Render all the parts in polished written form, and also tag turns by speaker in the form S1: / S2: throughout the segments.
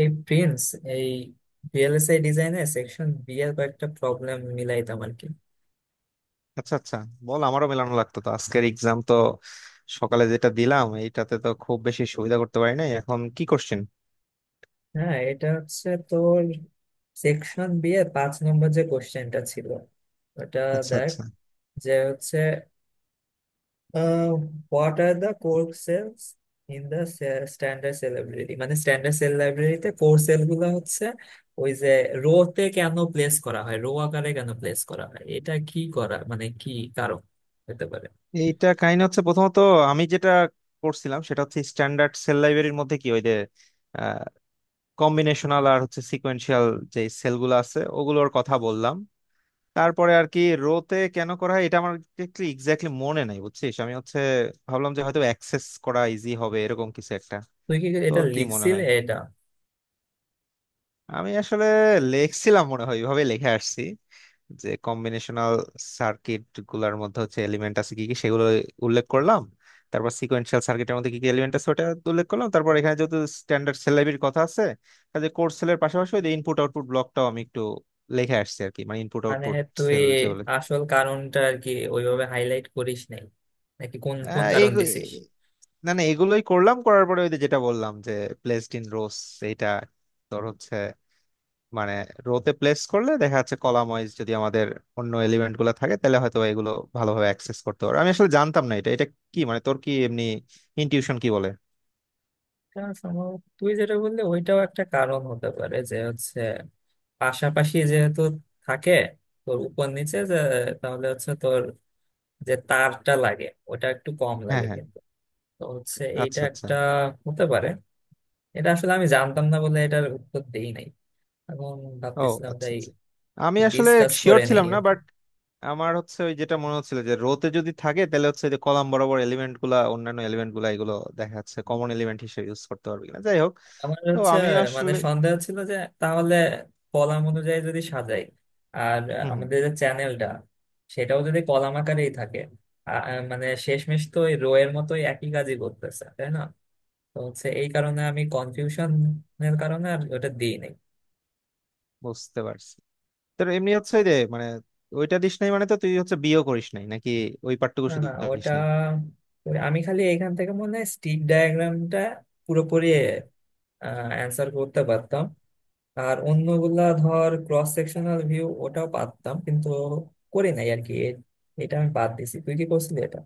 S1: এই প্রিন্স, এই ভিএলএসআই ডিজাইনে সেকশন বি এর কয়েকটা প্রবলেম মিলাইতাম আর কি।
S2: আচ্ছা, আচ্ছা, বল। আমারও মেলানো লাগতো তো। আজকের এক্সাম তো সকালে যেটা দিলাম এইটাতে তো খুব বেশি সুবিধা করতে পারি নাই। এখন কি কোশ্চেন?
S1: হ্যাঁ, এটা হচ্ছে তোর সেকশন বি এর 5 নম্বর যে কোশ্চেনটা ছিল ওটা।
S2: আচ্ছা,
S1: দেখ,
S2: আচ্ছা।
S1: যে হচ্ছে what are the core cells in the standard cell library. মানে স্ট্যান্ডার্ড সেল লাইব্রেরিতে কোর সেল গুলো হচ্ছে ওই যে রো তে কেন প্লেস করা হয়, রো আকারে কেন প্লেস করা হয়, এটা কি করা মানে কি কারণ হতে পারে।
S2: এইটা কাহিনী হচ্ছে, প্রথমত আমি যেটা করছিলাম সেটা হচ্ছে স্ট্যান্ডার্ড সেল লাইব্রেরির মধ্যে কি ওই যে কম্বিনেশনাল আর হচ্ছে সিকোয়েন্সিয়াল, যে সেলগুলো আছে ওগুলোর কথা বললাম। তারপরে আর কি, রোতে কেন করা হয় এটা আমার এক্স্যাক্টলি মনে নাই, বুঝছিস। আমি হচ্ছে ভাবলাম যে হয়তো অ্যাক্সেস করা ইজি হবে, এরকম কিছু একটা।
S1: তুই কি এটা
S2: তোর কি মনে
S1: লিখছিলে
S2: হয়?
S1: এটা?
S2: আমি আসলে লেখছিলাম মনে হয়, এইভাবে লিখে আসছি যে কম্বিনেশনাল সার্কিট গুলার মধ্যে হচ্ছে এলিমেন্ট আছে কি কি সেগুলো উল্লেখ করলাম। তারপর সিকোয়েন্সিয়াল সার্কিটের মধ্যে কি কি এলিমেন্ট আছে ওটা উল্লেখ করলাম। তারপর এখানে যেহেতু স্ট্যান্ডার্ড সেল লাইব্রেরির কথা আছে, কাজে কোর্স সেলের পাশাপাশি ওই ইনপুট আউটপুট ব্লকটাও আমি একটু লিখে আসছি আর কি, মানে ইনপুট
S1: মানে
S2: আউটপুট
S1: তুই
S2: সেল যেগুলো।
S1: আসল কারণটা আর কি ওইভাবে হাইলাইট করিস নাই, নাকি কোন কোন
S2: আহ,
S1: কারণ
S2: এইগু-
S1: দিছিস?
S2: না, না, এগুলোই করলাম। করার পরে ওই যে যেটা বললাম, যে প্লেসড ইন রোস, এইটা তোর হচ্ছে মানে রোতে প্লেস করলে দেখা যাচ্ছে কলাম ওয়াইজ যদি আমাদের অন্য এলিমেন্ট গুলো থাকে তাহলে হয়তো এগুলো ভালোভাবে অ্যাক্সেস করতে পারবে। আমি আসলে জানতাম না এটা এটা কি, মানে তোর কি এমনি ইনটিউশন কি বলে?
S1: এটা সম্ভবত তুই যেটা বললি ওইটাও একটা কারণ হতে পারে, যে হচ্ছে পাশাপাশি যেহেতু থাকে তোর উপর নিচে যে, তাহলে হচ্ছে তোর যে তারটা লাগে ওটা একটু কম
S2: হ্যাঁ,
S1: লাগে।
S2: হ্যাঁ।
S1: তো হচ্ছে এইটা
S2: আচ্ছা, আচ্ছা।
S1: একটা হতে পারে। এটা আসলে আমি জানতাম না বলে এটার উত্তর দেই নাই, এখন
S2: ও
S1: ভাবতেছিলাম,
S2: আচ্ছা,
S1: তাই
S2: আচ্ছা। আমি আসলে
S1: ডিসকাস
S2: শিওর
S1: করে নেই
S2: ছিলাম না,
S1: আর কি।
S2: বাট আমার হচ্ছে ওই যেটা মনে হচ্ছিল, যে রোতে যদি থাকে তাহলে হচ্ছে যে কলাম বরাবর এলিমেন্ট গুলা, অন্যান্য এলিমেন্ট গুলা, এগুলো দেখা যাচ্ছে কমন এলিমেন্ট হিসেবে ইউজ করতে পারবে কিনা। যাই হোক,
S1: আমার
S2: তো
S1: হচ্ছে
S2: আমি
S1: মানে
S2: আসলে
S1: সন্দেহ ছিল যে তাহলে কলাম অনুযায়ী যদি সাজাই, আর
S2: হম, হম।
S1: আমাদের যে চ্যানেলটা সেটাও যদি কলাম আকারেই থাকে, মানে শেষমেশ তো ওই রো এর মতোই একই কাজই করতেছে, তাই না? তো হচ্ছে এই কারণে, আমি কনফিউশনের কারণে আর ওটা দিই নাই।
S2: বুঝতে পারছি। তোর এমনি হচ্ছে যে মানে ওইটা দিস নাই মানে, তো তুই হচ্ছে বিয়ে করিস নাই নাকি? ওই পার্টটুকু
S1: না
S2: শুধু
S1: না,
S2: দিস
S1: ওটা
S2: নাই?
S1: ওই আমি খালি এখান থেকে মনে হয় স্টিক ডায়াগ্রামটা পুরোপুরি অ্যান্সার করতে পারতাম, আর অন্যগুলা ধর ক্রস সেকশনাল ভিউ ওটাও পারতাম, কিন্তু করি নাই আর কি। এটা আমি বাদ দিছি। তুই কি করছিলি এটা?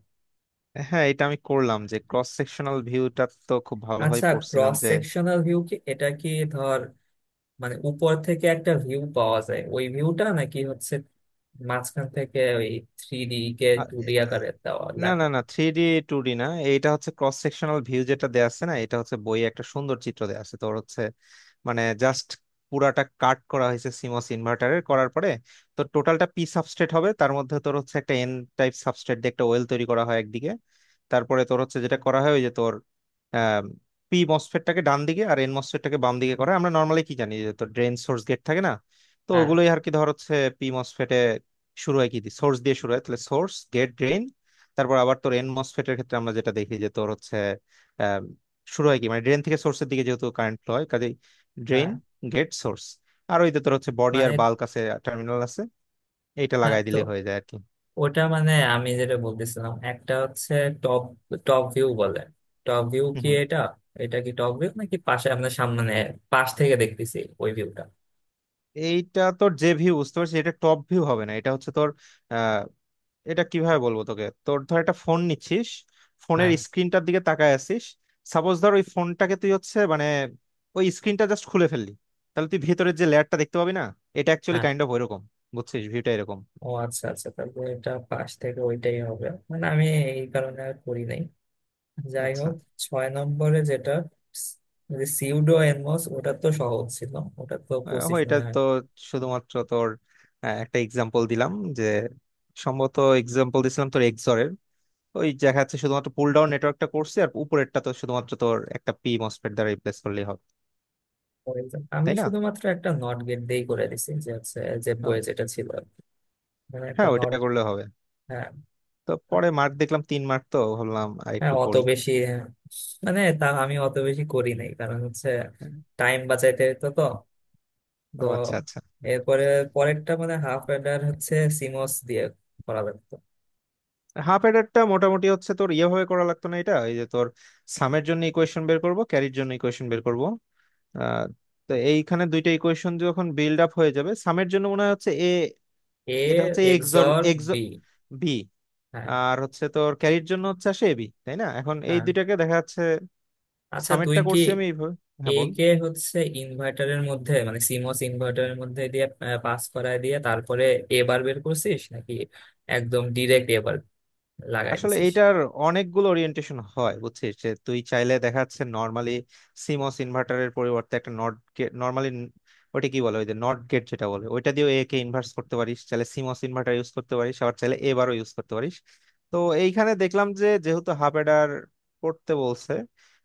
S2: হ্যাঁ, এটা আমি করলাম যে ক্রস সেকশনাল ভিউটা তো খুব ভালোভাবে
S1: আচ্ছা,
S2: পড়ছিলাম
S1: ক্রস
S2: যে,
S1: সেকশনাল ভিউ কি এটা কি? ধর, মানে উপর থেকে একটা ভিউ পাওয়া যায়, ওই ভিউটা নাকি হচ্ছে মাঝখান থেকে ওই থ্রি ডি কে টু ডি আকারে দেওয়া
S2: না, না,
S1: লেখা?
S2: না, থ্রি ডি টু ডি না। এইটা হচ্ছে ক্রস সেকশনাল ভিউ, যেটা দেয়া আছে না, এটা হচ্ছে বইয়ে একটা সুন্দর চিত্র দেয়া আছে। তোর হচ্ছে মানে জাস্ট পুরাটা কাট করা হয়েছে সিমস ইনভার্টারের করার পরে। তো টোটালটা পি সাবস্ট্রেট হবে, তার মধ্যে তোর হচ্ছে একটা এন টাইপ সাবস্ট্রেট দিয়ে একটা ওয়েল তৈরি করা হয় একদিকে। তারপরে তোর হচ্ছে যেটা করা হয় ওই যে তোর পি মসফেটটাকে ডান দিকে আর এন মসফেটটাকে বাম দিকে করা হয়। আমরা নর্মালি কি জানি, যে তোর ড্রেন সোর্স গেট থাকে না, তো
S1: হ্যাঁ,
S2: ওগুলোই আর কি। ধর হচ্ছে পি মসফেটে শুরু হয় কি সোর্স দিয়ে, source দিয়ে শুরু হয় তাহলে সোর্স গেট ড্রেন। তারপর আবার তোর এন মসফেটের ক্ষেত্রে আমরা যেটা দেখি, যে তোর হচ্ছে আহ, শুরু হয় কি মানে ড্রেন থেকে সোর্সের দিকে, যেহেতু কারেন্ট ফ্লো হয়, কাজেই ড্রেন
S1: হ্যাঁ,
S2: গেট সোর্স। আর ওইতে তোর হচ্ছে বডি
S1: মানে
S2: আর বাল্ক আছে, টার্মিনাল আছে। এইটা
S1: হ্যাঁ।
S2: লাগাই
S1: তো
S2: দিলে হয়ে যায় আর কি।
S1: ওটা মানে আমি যেটা বলতেছিলাম, একটা হচ্ছে টপ টপ ভিউ বলে। টপ ভিউ
S2: হুম,
S1: কি
S2: হুম।
S1: এটা? এটা কি টপ ভিউ, নাকি পাশে আপনার সামনে, পাশ থেকে দেখতেছি ওই ভিউটা?
S2: এইটা তোর যে ভিউ বুঝতে পারছিস, এটা টপ ভিউ হবে না, এটা হচ্ছে তোর, এটা কিভাবে বলবো তোকে। তোর ধর একটা ফোন নিচ্ছিস, ফোনের
S1: হ্যাঁ,
S2: স্ক্রিনটার দিকে তাকায় আছিস। সাপোজ ধর ওই ফোনটাকে তুই হচ্ছে মানে ওই স্ক্রিনটা জাস্ট খুলে ফেললি, তাহলে তুই ভিতরের যে লেয়ারটা দেখতে পাবি না, এটা অ্যাকচুয়ালি
S1: হ্যাঁ।
S2: কাইন্ড অফ ওইরকম। বুঝছিস, ভিউটা এরকম।
S1: ও, আচ্ছা আচ্ছা, তাহলে এটা পাশ থেকে ওইটাই হবে মানে। আমি এই কারণে আর করি নাই। যাই
S2: আচ্ছা।
S1: হোক, 6 নম্বরে যেটা, যে সিউডো এনমস, ওটা তো সহজ ছিল। ওটা তো 25
S2: এটা
S1: মনে হয়
S2: তো শুধুমাত্র তোর একটা এক্সাম্পল দিলাম, যে সম্ভবত এক্সাম্পল দিছিলাম তোর এক্সরের। ওই দেখা যাচ্ছে শুধুমাত্র পুল ডাউন নেটওয়ার্কটা করছে, আর উপরেরটা তো শুধুমাত্র তোর একটা পি মসফেট দ্বারা রিপ্লেস করলেই হবে,
S1: হয়ে যায়। আমি
S2: তাই না?
S1: শুধুমাত্র একটা নট গেট দিয়েই করে দিছি, যে হচ্ছে যে
S2: ও,
S1: বইয়ে যেটা ছিল আর কি। মানে একটা
S2: হ্যাঁ,
S1: নট।
S2: ওইটা করলে হবে।
S1: হ্যাঁ
S2: তো পরে মার্ক দেখলাম 3 মার্ক, তো ভাবলাম আর
S1: হ্যাঁ,
S2: একটু
S1: অত
S2: করি।
S1: বেশি হ্যাঁ, মানে তা আমি অত বেশি করি নাই, কারণ হচ্ছে
S2: হ্যাঁ।
S1: টাইম বাঁচাইতে হইতো তো। তো
S2: ও আচ্ছা, আচ্ছা।
S1: এরপরে পরেরটা, মানে হাফ অর্ডার হচ্ছে সিমস দিয়ে করা লাগতো।
S2: হাফ এডারটা মোটামুটি হচ্ছে তোর ইয়েভাবে করা লাগতো না। এটা এই যে তোর সামের জন্য ইকুয়েশন বের করব, ক্যারির জন্য ইকুয়েশন বের করব, আহ, তো এইখানে দুইটা ইকুয়েশন যখন বিল্ড আপ হয়ে যাবে সামের জন্য মনে হয় হচ্ছে এ,
S1: এ
S2: এটা হচ্ছে X or
S1: XOR
S2: X
S1: B.
S2: B.
S1: হ্যাঁ
S2: আর হচ্ছে তোর ক্যারির জন্য হচ্ছে আসে এবি, তাই না? এখন এই
S1: হ্যাঁ।
S2: দুইটাকে দেখা যাচ্ছে
S1: আচ্ছা তুই
S2: সামেরটা
S1: কি
S2: করছি আমি এইভাবে।
S1: এ
S2: হ্যাঁ, বল।
S1: কে হচ্ছে ইনভার্টারের মধ্যে মানে সিমস ইনভার্টারের মধ্যে দিয়ে পাস করায় দিয়ে তারপরে এ বার বের করছিস, নাকি একদম ডিরেক্ট এ বার লাগাই
S2: আসলে
S1: দিছিস?
S2: এইটার অনেকগুলো ওরিয়েন্টেশন হয় বুঝছিস, যে তুই চাইলে দেখা যাচ্ছে নর্মালি সিমস ইনভার্টারের পরিবর্তে একটা নট গেট, নর্মালি ওটা কি বলে ওই যে নট গেট যেটা বলে ওইটা দিয়ে এ কে ইনভার্স করতে পারিস, চাইলে সিমস ইনভার্টার ইউজ করতে পারিস, আবার চাইলে এবারও ইউজ করতে পারিস। তো এইখানে দেখলাম যে যেহেতু হাফ অ্যাডার করতে বলছে,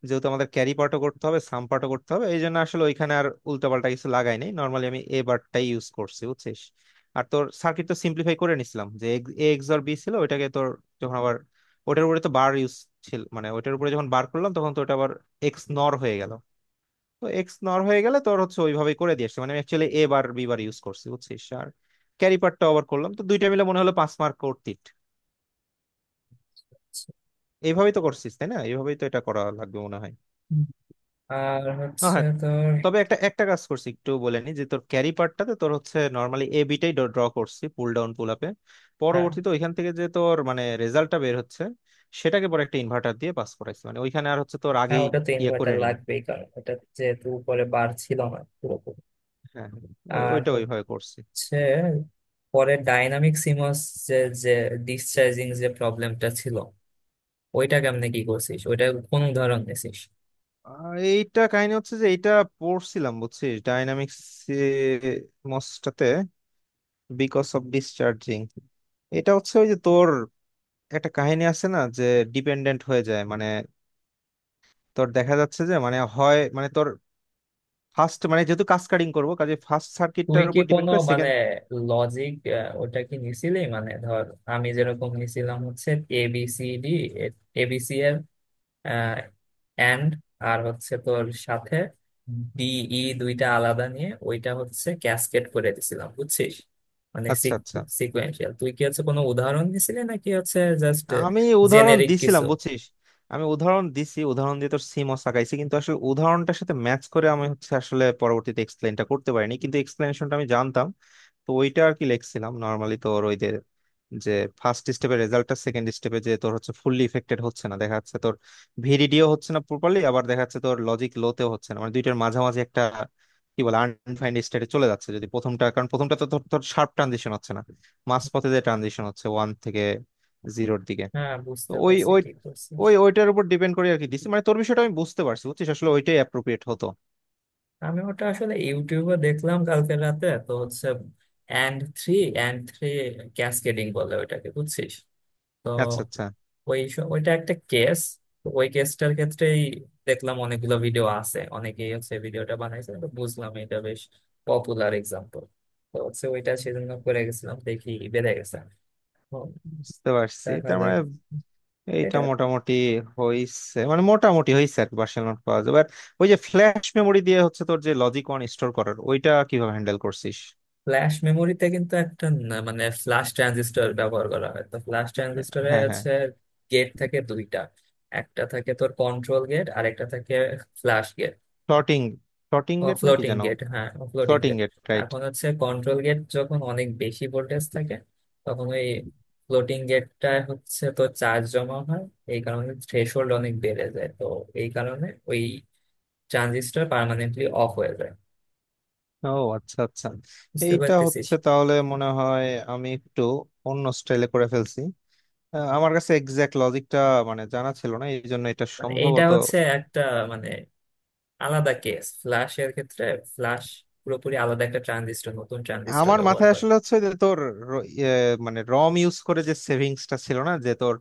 S2: যেহেতু আমাদের ক্যারি পার্টও করতে হবে সাম পার্টও করতে হবে, এই জন্য আসলে ওইখানে আর উল্টাপাল্টা কিছু লাগাই নাই, নর্মালি আমি এ বারটাই ইউজ করছি বুঝছিস। আর তোর সার্কিট তো সিম্পলিফাই করে নিছিলাম, যে এ এক্স আর বি ছিল ওইটাকে তোর যখন আবার ওটার উপরে তো বার ইউজ ছিল, মানে ওটার উপরে যখন বার করলাম তখন তো ওটা আবার এক্স নর হয়ে গেল। তো এক্স নর হয়ে গেলে তোর হচ্ছে ওইভাবেই করে দিয়ে আসছে। মানে আমি actually A bar B bar use করছি বুঝছিস, আর ক্যারি পার্টটা আবার করলাম তো দুইটা মিলে মনে হলো 5 মার্ক করতিট। এইভাবেই তো করছিস তাই না? এইভাবেই তো এটা করা লাগবে মনে হয়।
S1: হুম। আর
S2: ও
S1: হচ্ছে
S2: হ্যাঁ,
S1: তোর,
S2: তবে একটা একটা কাজ করছি একটু বলে নি, যে তোর ক্যারি পার্টটাতে তোর হচ্ছে নর্মালি এ বিটাই ড্র করছি পুল ডাউন পুল আপে।
S1: হ্যাঁ
S2: পরবর্তীতে ওইখান থেকে যে তোর মানে রেজাল্টটা বের হচ্ছে, সেটাকে পরে একটা ইনভার্টার দিয়ে পাস করাইছি, মানে ওইখানে আর হচ্ছে তোর
S1: হ্যাঁ,
S2: আগেই
S1: ওটা তো
S2: ইয়ে করে
S1: ইনভার্টার
S2: নিন।
S1: লাগবেই, কারণ ওটা যেহেতু উপরে বার ছিল না পুরোপুরি।
S2: হ্যাঁ, হ্যাঁ, ওই
S1: আর
S2: ওইটা ওইভাবে করছি।
S1: হচ্ছে পরে ডাইনামিক সিমস, যে যে ডিসচার্জিং যে প্রবলেমটা ছিল ওইটা কেমনে কি করছিস, ওইটা কোন উদাহরণ নিছিস?
S2: এইটা কাহিনী হচ্ছে যে এইটা পড়ছিলাম বুঝছিস, ডাইনামিক্স মসটাতে বিকজ অফ ডিসচার্জিং। এটা হচ্ছে ওই যে তোর একটা কাহিনী আছে না, যে ডিপেন্ডেন্ট হয়ে যায়, মানে তোর দেখা যাচ্ছে যে মানে হয় মানে তোর ফার্স্ট মানে যেহেতু কাসকাডিং করব, কাজে ফার্স্ট
S1: তুই
S2: সার্কিটটার
S1: কি
S2: উপর ডিপেন্ড
S1: কোনো
S2: করে
S1: মানে
S2: সেকেন্ড।
S1: লজিক ওটা কি নিছিলি, মানে ধর আমি যেরকম নিছিলাম হচ্ছে এবিসিডি, এবিসি অ্যান্ড, আর হচ্ছে তোর সাথে ডিই দুইটা আলাদা নিয়ে ওইটা হচ্ছে ক্যাসকেড করে দিছিলাম, বুঝছিস? মানে
S2: আচ্ছা, আচ্ছা।
S1: সিকুয়েন্সিয়াল। তুই কি হচ্ছে কোনো উদাহরণ দিছিলি, নাকি হচ্ছে জাস্ট
S2: আমি উদাহরণ
S1: জেনেরিক কিছু?
S2: দিছিলাম বুঝছিস। আমি উদাহরণ দিছি, উদাহরণ দিয়ে তোর সিমও সাকাইছি, কিন্তু আসলে উদাহরণটার সাথে ম্যাচ করে আমি হচ্ছে আসলে পরবর্তীতে এক্সপ্লেনটা করতে পারিনি, কিন্তু এক্সপ্লেনেশনটা আমি জানতাম। তো ওইটা আর কি লিখছিলাম নর্মালি তোর ওই যে, যে ফার্স্ট স্টেপের রেজাল্টটা সেকেন্ড স্টেপে যে তোর হচ্ছে ফুললি ইফেক্টেড হচ্ছে না, দেখা যাচ্ছে তোর ভিডিডিও হচ্ছে না প্রপারলি, আবার দেখা যাচ্ছে তোর লজিক লোতেও হচ্ছে না, মানে দুইটার মাঝামাঝি একটা কি বলে আনডিফাইন্ড স্টেটে চলে যাচ্ছে যদি প্রথমটা, কারণ প্রথমটা তো তোর তোর শার্প ট্রানজিশন হচ্ছে না, মাঝপথে যে ট্রানজিশন হচ্ছে ওয়ান থেকে জিরোর দিকে।
S1: হ্যাঁ,
S2: তো
S1: বুঝতে
S2: ওই
S1: পারছি
S2: ওই
S1: কি করছিস।
S2: ওই ওইটার উপর ডিপেন্ড করে আর কি দিচ্ছি, মানে তোর বিষয়টা আমি বুঝতে পারছি বুঝছিস, আসলে ওইটাই অ্যাপ্রোপ্রিয়েট হতো।
S1: আমি ওটা আসলে ইউটিউবে দেখলাম কালকে রাতে। তো হচ্ছে and three and three cascading বলে ওইটাকে, বুঝছিস? তো
S2: আচ্ছা, আচ্ছা।
S1: ওইটা একটা কেস। ওই কেসটার ক্ষেত্রেই দেখলাম অনেকগুলো ভিডিও আছে, অনেকেই হচ্ছে ভিডিওটা বানাইছে, তো বুঝলাম এটা বেশ পপুলার এক্সাম্পল। তো হচ্ছে ওইটা সেজন্য করে গেছিলাম, দেখি বেড়ে গেছে। হুম,
S2: বুঝতে পারছি,
S1: দেখা
S2: তার
S1: যাক।
S2: মানে এইটা
S1: এটা
S2: মোটামুটি হইছে, মানে মোটামুটি হইছে আর কি, পার্সোনাল নোট পাওয়া যাবে। আর ওই যে ফ্ল্যাশ মেমোরি দিয়ে হচ্ছে তোর যে লজিক অন স্টোর করার, ওইটা কিভাবে হ্যান্ডেল করছিস?
S1: ফ্ল্যাশ মেমোরিতে কিন্তু একটা মানে ফ্ল্যাশ ট্রানজিস্টর ব্যবহার করা হয়। তো ফ্ল্যাশ ট্রানজিস্টরে
S2: হ্যাঁ, হ্যাঁ।
S1: হচ্ছে গেট থাকে দুইটা। একটা থাকে তোর কন্ট্রোল গেট, আর একটা থাকে flash gate.
S2: Floating, floating gate নাকি
S1: ফ্লোটিং
S2: যেন?
S1: গেট, হ্যাঁ floating
S2: floating
S1: gate.
S2: Gate, right.
S1: এখন হচ্ছে কন্ট্রোল গেট যখন অনেক বেশি ভোল্টেজ থাকে, তখন ওই ফ্লোটিং গেটটা হচ্ছে তো চার্জ জমা হয়। এই কারণে থ্রেশহোল্ড অনেক বেড়ে যায়, তো এই কারণে ওই ট্রানজিস্টর পার্মানেন্টলি অফ হয়ে যায়।
S2: ও আচ্ছা, আচ্ছা।
S1: বুঝতে
S2: এইটা
S1: পারতেছিস?
S2: হচ্ছে তাহলে মনে হয় আমি একটু অন্য স্টাইলে করে ফেলছি। আমার কাছে এক্সাক্ট লজিকটা মানে জানা ছিল না, এই জন্য এটা
S1: মানে এইটা
S2: সম্ভবত
S1: হচ্ছে একটা মানে আলাদা কেস ফ্ল্যাশ এর ক্ষেত্রে। ফ্ল্যাশ পুরোপুরি আলাদা একটা ট্রানজিস্টর, নতুন ট্রানজিস্টর
S2: আমার
S1: ব্যবহার
S2: মাথায়
S1: করে।
S2: আসলে হচ্ছে যে তোর ইয়ে, মানে রম ইউজ করে যে সেভিংসটা ছিল না, যে তোর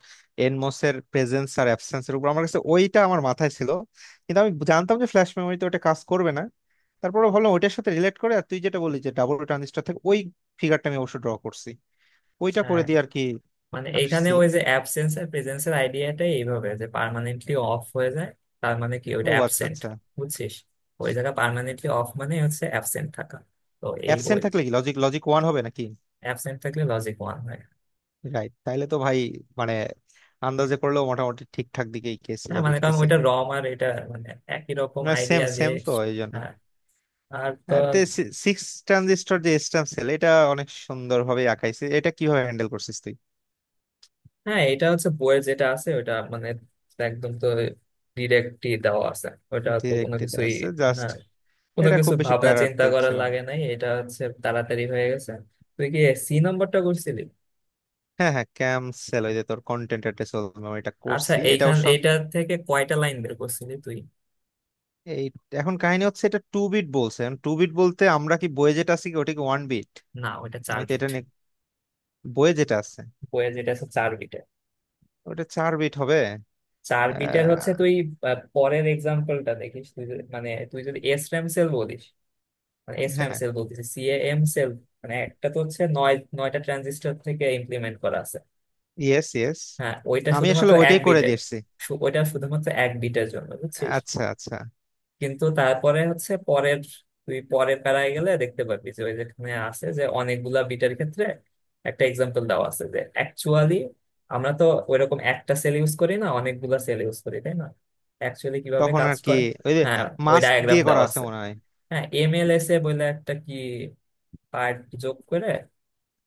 S2: এনমোস এর প্রেজেন্স আর অ্যাবসেন্স এর উপর, আমার কাছে ওইটা আমার মাথায় ছিল। কিন্তু আমি জানতাম যে ফ্ল্যাশ মেমোরিতে ওটা কাজ করবে না। তারপরে ভাবলাম ওইটার সাথে রিলেট করে আর তুই যেটা বলি যে ডাবল ট্রানজিস্টর থেকে ওই ফিগারটা আমি অবশ্য ড্র করছি, ওইটা করে
S1: হ্যাঁ,
S2: দিয়ে আর কি
S1: মানে এখানে
S2: আসছি।
S1: ওই যে অ্যাবসেন্স আর প্রেজেন্সের আইডিয়াটাই এইভাবে যে পার্মানেন্টলি অফ হয়ে যায়, তার মানে কি ওইটা
S2: ও আচ্ছা,
S1: অ্যাবসেন্ট,
S2: আচ্ছা।
S1: বুঝছিস? ওই জায়গা পার্মানেন্টলি অফ মানে হচ্ছে অ্যাবসেন্ট থাকা। তো এই ওই
S2: অ্যাবসেন্ট থাকলে কি লজিক, লজিক ওয়ান হবে নাকি?
S1: অ্যাবসেন্ট থাকলে লজিক ওয়ান হয়।
S2: রাইট, তাইলে তো ভাই মানে আন্দাজে করলেও মোটামুটি ঠিকঠাক দিকেই গেছি
S1: হ্যাঁ,
S2: যা
S1: মানে কারণ
S2: দেখতেছি।
S1: ওইটা রম আর এটা মানে একই রকম
S2: সেম
S1: আইডিয়া দিয়ে।
S2: সেম, তো এই জন্য।
S1: হ্যাঁ। আর তো,
S2: আর তে সিক্স ট্রানজিস্টর যে স্ট্যাম্প সেল, এটা অনেক সুন্দর ভাবে আঁকাইছে। এটা কিভাবে হ্যান্ডেল করছিস তুই?
S1: হ্যাঁ, এটা হচ্ছে বইয়ে যেটা আছে ওইটা মানে একদম তো ডিরেক্টই দেওয়া আছে। ওটা তো কোনো
S2: ডিরেক্টলি
S1: কিছুই,
S2: আছে জাস্ট।
S1: হ্যাঁ, কোনো
S2: এটা
S1: কিছু
S2: খুব বেশি
S1: ভাবনা চিন্তা
S2: প্যারাতে
S1: করার
S2: ছিল
S1: লাগে
S2: না।
S1: নাই। এটা হচ্ছে তাড়াতাড়ি হয়ে গেছে। তুই কি সি নাম্বারটা করছিলি?
S2: হ্যাঁ, হ্যাঁ, ক্যাম সেল, ওই যে তোর কন্টেন্ট অ্যাড্রেস, এটা
S1: আচ্ছা,
S2: করছি, এটা
S1: এইখান
S2: অবশ্য
S1: এইটা থেকে কয়টা লাইন বের করছিলি তুই?
S2: এই, এখন কাহিনী হচ্ছে এটা টু বিট বলছে, টু বিট বলতে আমরা কি বইয়ে যেটা আছে কি ওটা কি ওয়ান বিট?
S1: না ওইটা চার
S2: আমি তো
S1: বিট
S2: এটা নিয়ে বইয়ে যেটা আছে,
S1: বইয়ে যেটা আছে 4 বিটের।
S2: ওটা 4 বিট হবে।
S1: 4 বিটের হচ্ছে
S2: আহ,
S1: তুই, আহ, পরের এক্সাম্পলটা দেখিস। মানে তুই যদি এস র্যাম সেল বলিস, মানে এস র্যাম
S2: হ্যাঁ।
S1: সেল বলতিস সি এম সেল। মানে একটা তো হচ্ছে নয়টা ট্রানজিস্টর থেকে ইমপ্লিমেন্ট করা আছে।
S2: Yes, yes.
S1: হ্যাঁ, ওইটা
S2: আমি
S1: শুধুমাত্র
S2: আসলে
S1: এক
S2: ওইটাই করে
S1: বিটের।
S2: দিয়েছি।
S1: ওইটা শুধুমাত্র এক বিটের জন্য, বুঝছিস?
S2: আচ্ছা, আচ্ছা।
S1: কিন্তু তারপরে হচ্ছে পরের, তুই পরের প্যারায় গেলে দেখতে পাবি যে ওই, যেখানে আছে যে অনেকগুলা বিটের ক্ষেত্রে একটা এক্সাম্পল দেওয়া আছে, যে অ্যাকচুয়ালি আমরা তো ওইরকম একটা সেল ইউজ করি না, অনেকগুলা সেল ইউজ করি, তাই না? অ্যাকচুয়ালি কিভাবে
S2: তখন
S1: কাজ
S2: আর কি
S1: করে,
S2: ওই যে
S1: হ্যাঁ, ওই
S2: মাস্ক
S1: ডায়াগ্রাম
S2: দিয়ে করা
S1: দেওয়া
S2: আছে
S1: আছে।
S2: মনে হয়।
S1: হ্যাঁ, এম এল এস এ বলে একটা কি পার্ট যোগ করে।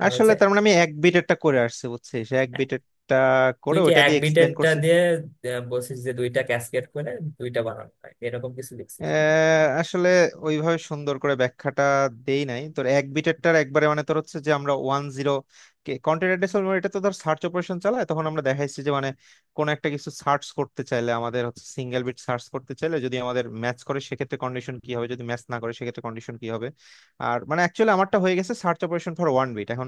S1: আর
S2: আসলে
S1: হচ্ছে,
S2: তার মানে আমি এক বিটেরটা করে আসছি বুঝছিস, এক বিটেরটা
S1: তুই
S2: করে
S1: কি
S2: ওটা
S1: এক
S2: দিয়ে এক্সপ্লেন
S1: বিটেরটা
S2: করছি।
S1: দিয়ে, আহ, বলছিস যে দুইটা ক্যাসকেড করে দুইটা বানানো হয় এরকম কিছু লিখছিস?
S2: আসলে ওইভাবে সুন্দর করে ব্যাখ্যাটা দেই নাই তোর এক বিটেরটার একবারে, মানে তোর হচ্ছে যে আমরা ওয়ান জিরো কন্টেন্ট অ্যাড্রেস। এটা তো ধর সার্চ অপারেশন চালায়, তখন আমরা দেখাইছি যে মানে কোন একটা কিছু সার্চ করতে চাইলে আমাদের হচ্ছে সিঙ্গেল বিট সার্চ করতে চাইলে যদি আমাদের ম্যাচ করে সেক্ষেত্রে কন্ডিশন কি হবে, যদি ম্যাচ না করে সেক্ষেত্রে কন্ডিশন কি হবে। আর মানে অ্যাকচুয়ালি আমারটা হয়ে গেছে search operation for one bit. এখন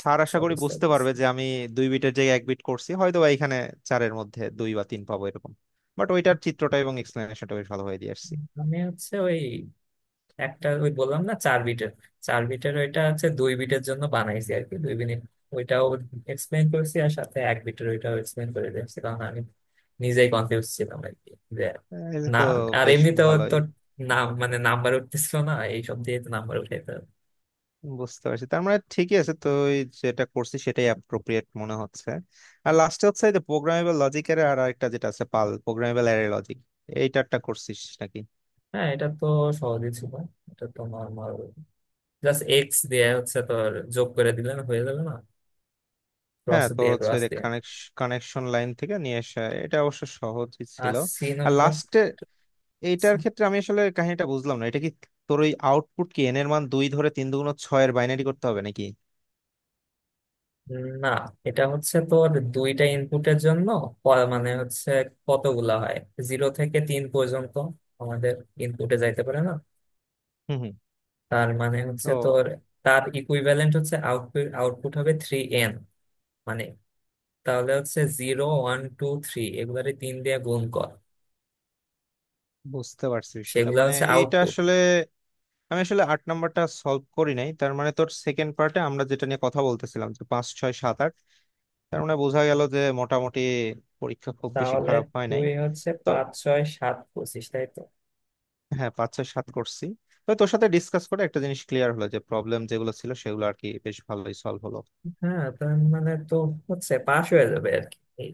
S2: স্যার আশা
S1: আচ্ছা,
S2: করি
S1: বুঝতে
S2: বুঝতে
S1: পারছি।
S2: পারবে যে আমি 2 বিটের জায়গায় 1 বিট করছি, হয়তো বা এখানে চারের মধ্যে দুই বা তিন পাবো এরকম। বাট ওইটার চিত্রটা এবং এক্সপ্লেনেশনটা বেশ ভালো হয়ে দিয়ে আসছি।
S1: আমি হচ্ছে ওই একটা ওই বললাম না 4 বিটের, চার বিটের ওইটা হচ্ছে 2 বিটের জন্য বানাইছি আর কি 2 মিনিট। ওইটাও এক্সপ্লেন করেছি, আর সাথে এক বিটের ওইটাও এক্সপ্লেন করে দিয়েছি, কারণ আমি নিজেই কনফিউজ ছিলাম আর কি যে,
S2: হ্যাঁ, এটা
S1: না,
S2: তো
S1: আর
S2: বেশ
S1: এমনিতেও তো
S2: ভালোই।
S1: নাম মানে নাম্বার উঠতেছিল না, এইসব দিয়ে তো নাম্বার উঠাইতে হবে।
S2: বুঝতে পারছি, তার মানে ঠিকই আছে, তো ওই যেটা করছি সেটাই অ্যাপ্রোপ্রিয়েট মনে হচ্ছে। আর লাস্টে হচ্ছে এই যে প্রোগ্রামেবল লজিকের আর একটা যেটা আছে পাল প্রোগ্রামেবল অ্যারে লজিক, এইটারটা করছিস নাকি?
S1: হ্যাঁ, এটা তো সহজই ছিল। এটা তো নর্মাল, জাস্ট এক্স দিয়ে হচ্ছে তোর যোগ করে দিলে না হয়ে যাবে না, ক্রস
S2: হ্যাঁ, তোর
S1: দিয়ে
S2: হচ্ছে
S1: ক্রস দিয়ে
S2: কানেকশন লাইন থেকে নিয়ে আসা, এটা অবশ্য সহজই
S1: আর
S2: ছিল।
S1: সি
S2: আর
S1: নাম্বার,
S2: লাস্টে এইটার ক্ষেত্রে আমি আসলে কাহিনীটা বুঝলাম না, এটা কি তোর ওই আউটপুট কি এন এর মান দুই ধরে তিন দুগুণ ছয়ের বাইনারি করতে হবে নাকি?
S1: না এটা হচ্ছে তোর দুইটা ইনপুটের জন্য মানে হচ্ছে কতগুলা হয়, জিরো থেকে তিন পর্যন্ত আমাদের ইনপুটে যাইতে পারে না।
S2: হুম, হুম।
S1: তার মানে হচ্ছে
S2: ও,
S1: তোর, তার ইকুইভ্যালেন্ট হচ্ছে আউটপুট, আউটপুট হবে থ্রি এন। মানে তাহলে হচ্ছে জিরো ওয়ান টু থ্রি, এগুলারে তিন দিয়ে গুণ কর,
S2: বুঝতে পারছি বিষয়টা,
S1: সেগুলা
S2: মানে
S1: হচ্ছে
S2: এইটা
S1: আউটপুট।
S2: আসলে আমি আসলে আট নাম্বারটা সলভ করি নাই। তার মানে তোর সেকেন্ড পার্টে আমরা যেটা নিয়ে কথা বলতেছিলাম যে 5, 6, 7, 8, তার মানে বোঝা গেল যে মোটামুটি পরীক্ষা খুব বেশি
S1: তাহলে
S2: খারাপ হয় নাই
S1: তুই হচ্ছে
S2: তো।
S1: পাঁচ ছয় সাত পঁচিশ, তাই তো?
S2: হ্যাঁ, 5, 6, 7 করছি। তো তোর সাথে ডিসকাস করে একটা জিনিস ক্লিয়ার হলো যে প্রবলেম যেগুলো ছিল সেগুলো আর কি বেশ ভালোই সলভ হলো।
S1: হ্যাঁ, তার মানে তো হচ্ছে পাশ হয়ে যাবে আর কি, এই।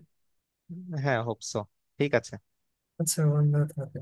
S2: হ্যাঁ, হোপসো। ঠিক আছে।
S1: আচ্ছা বন্ধু।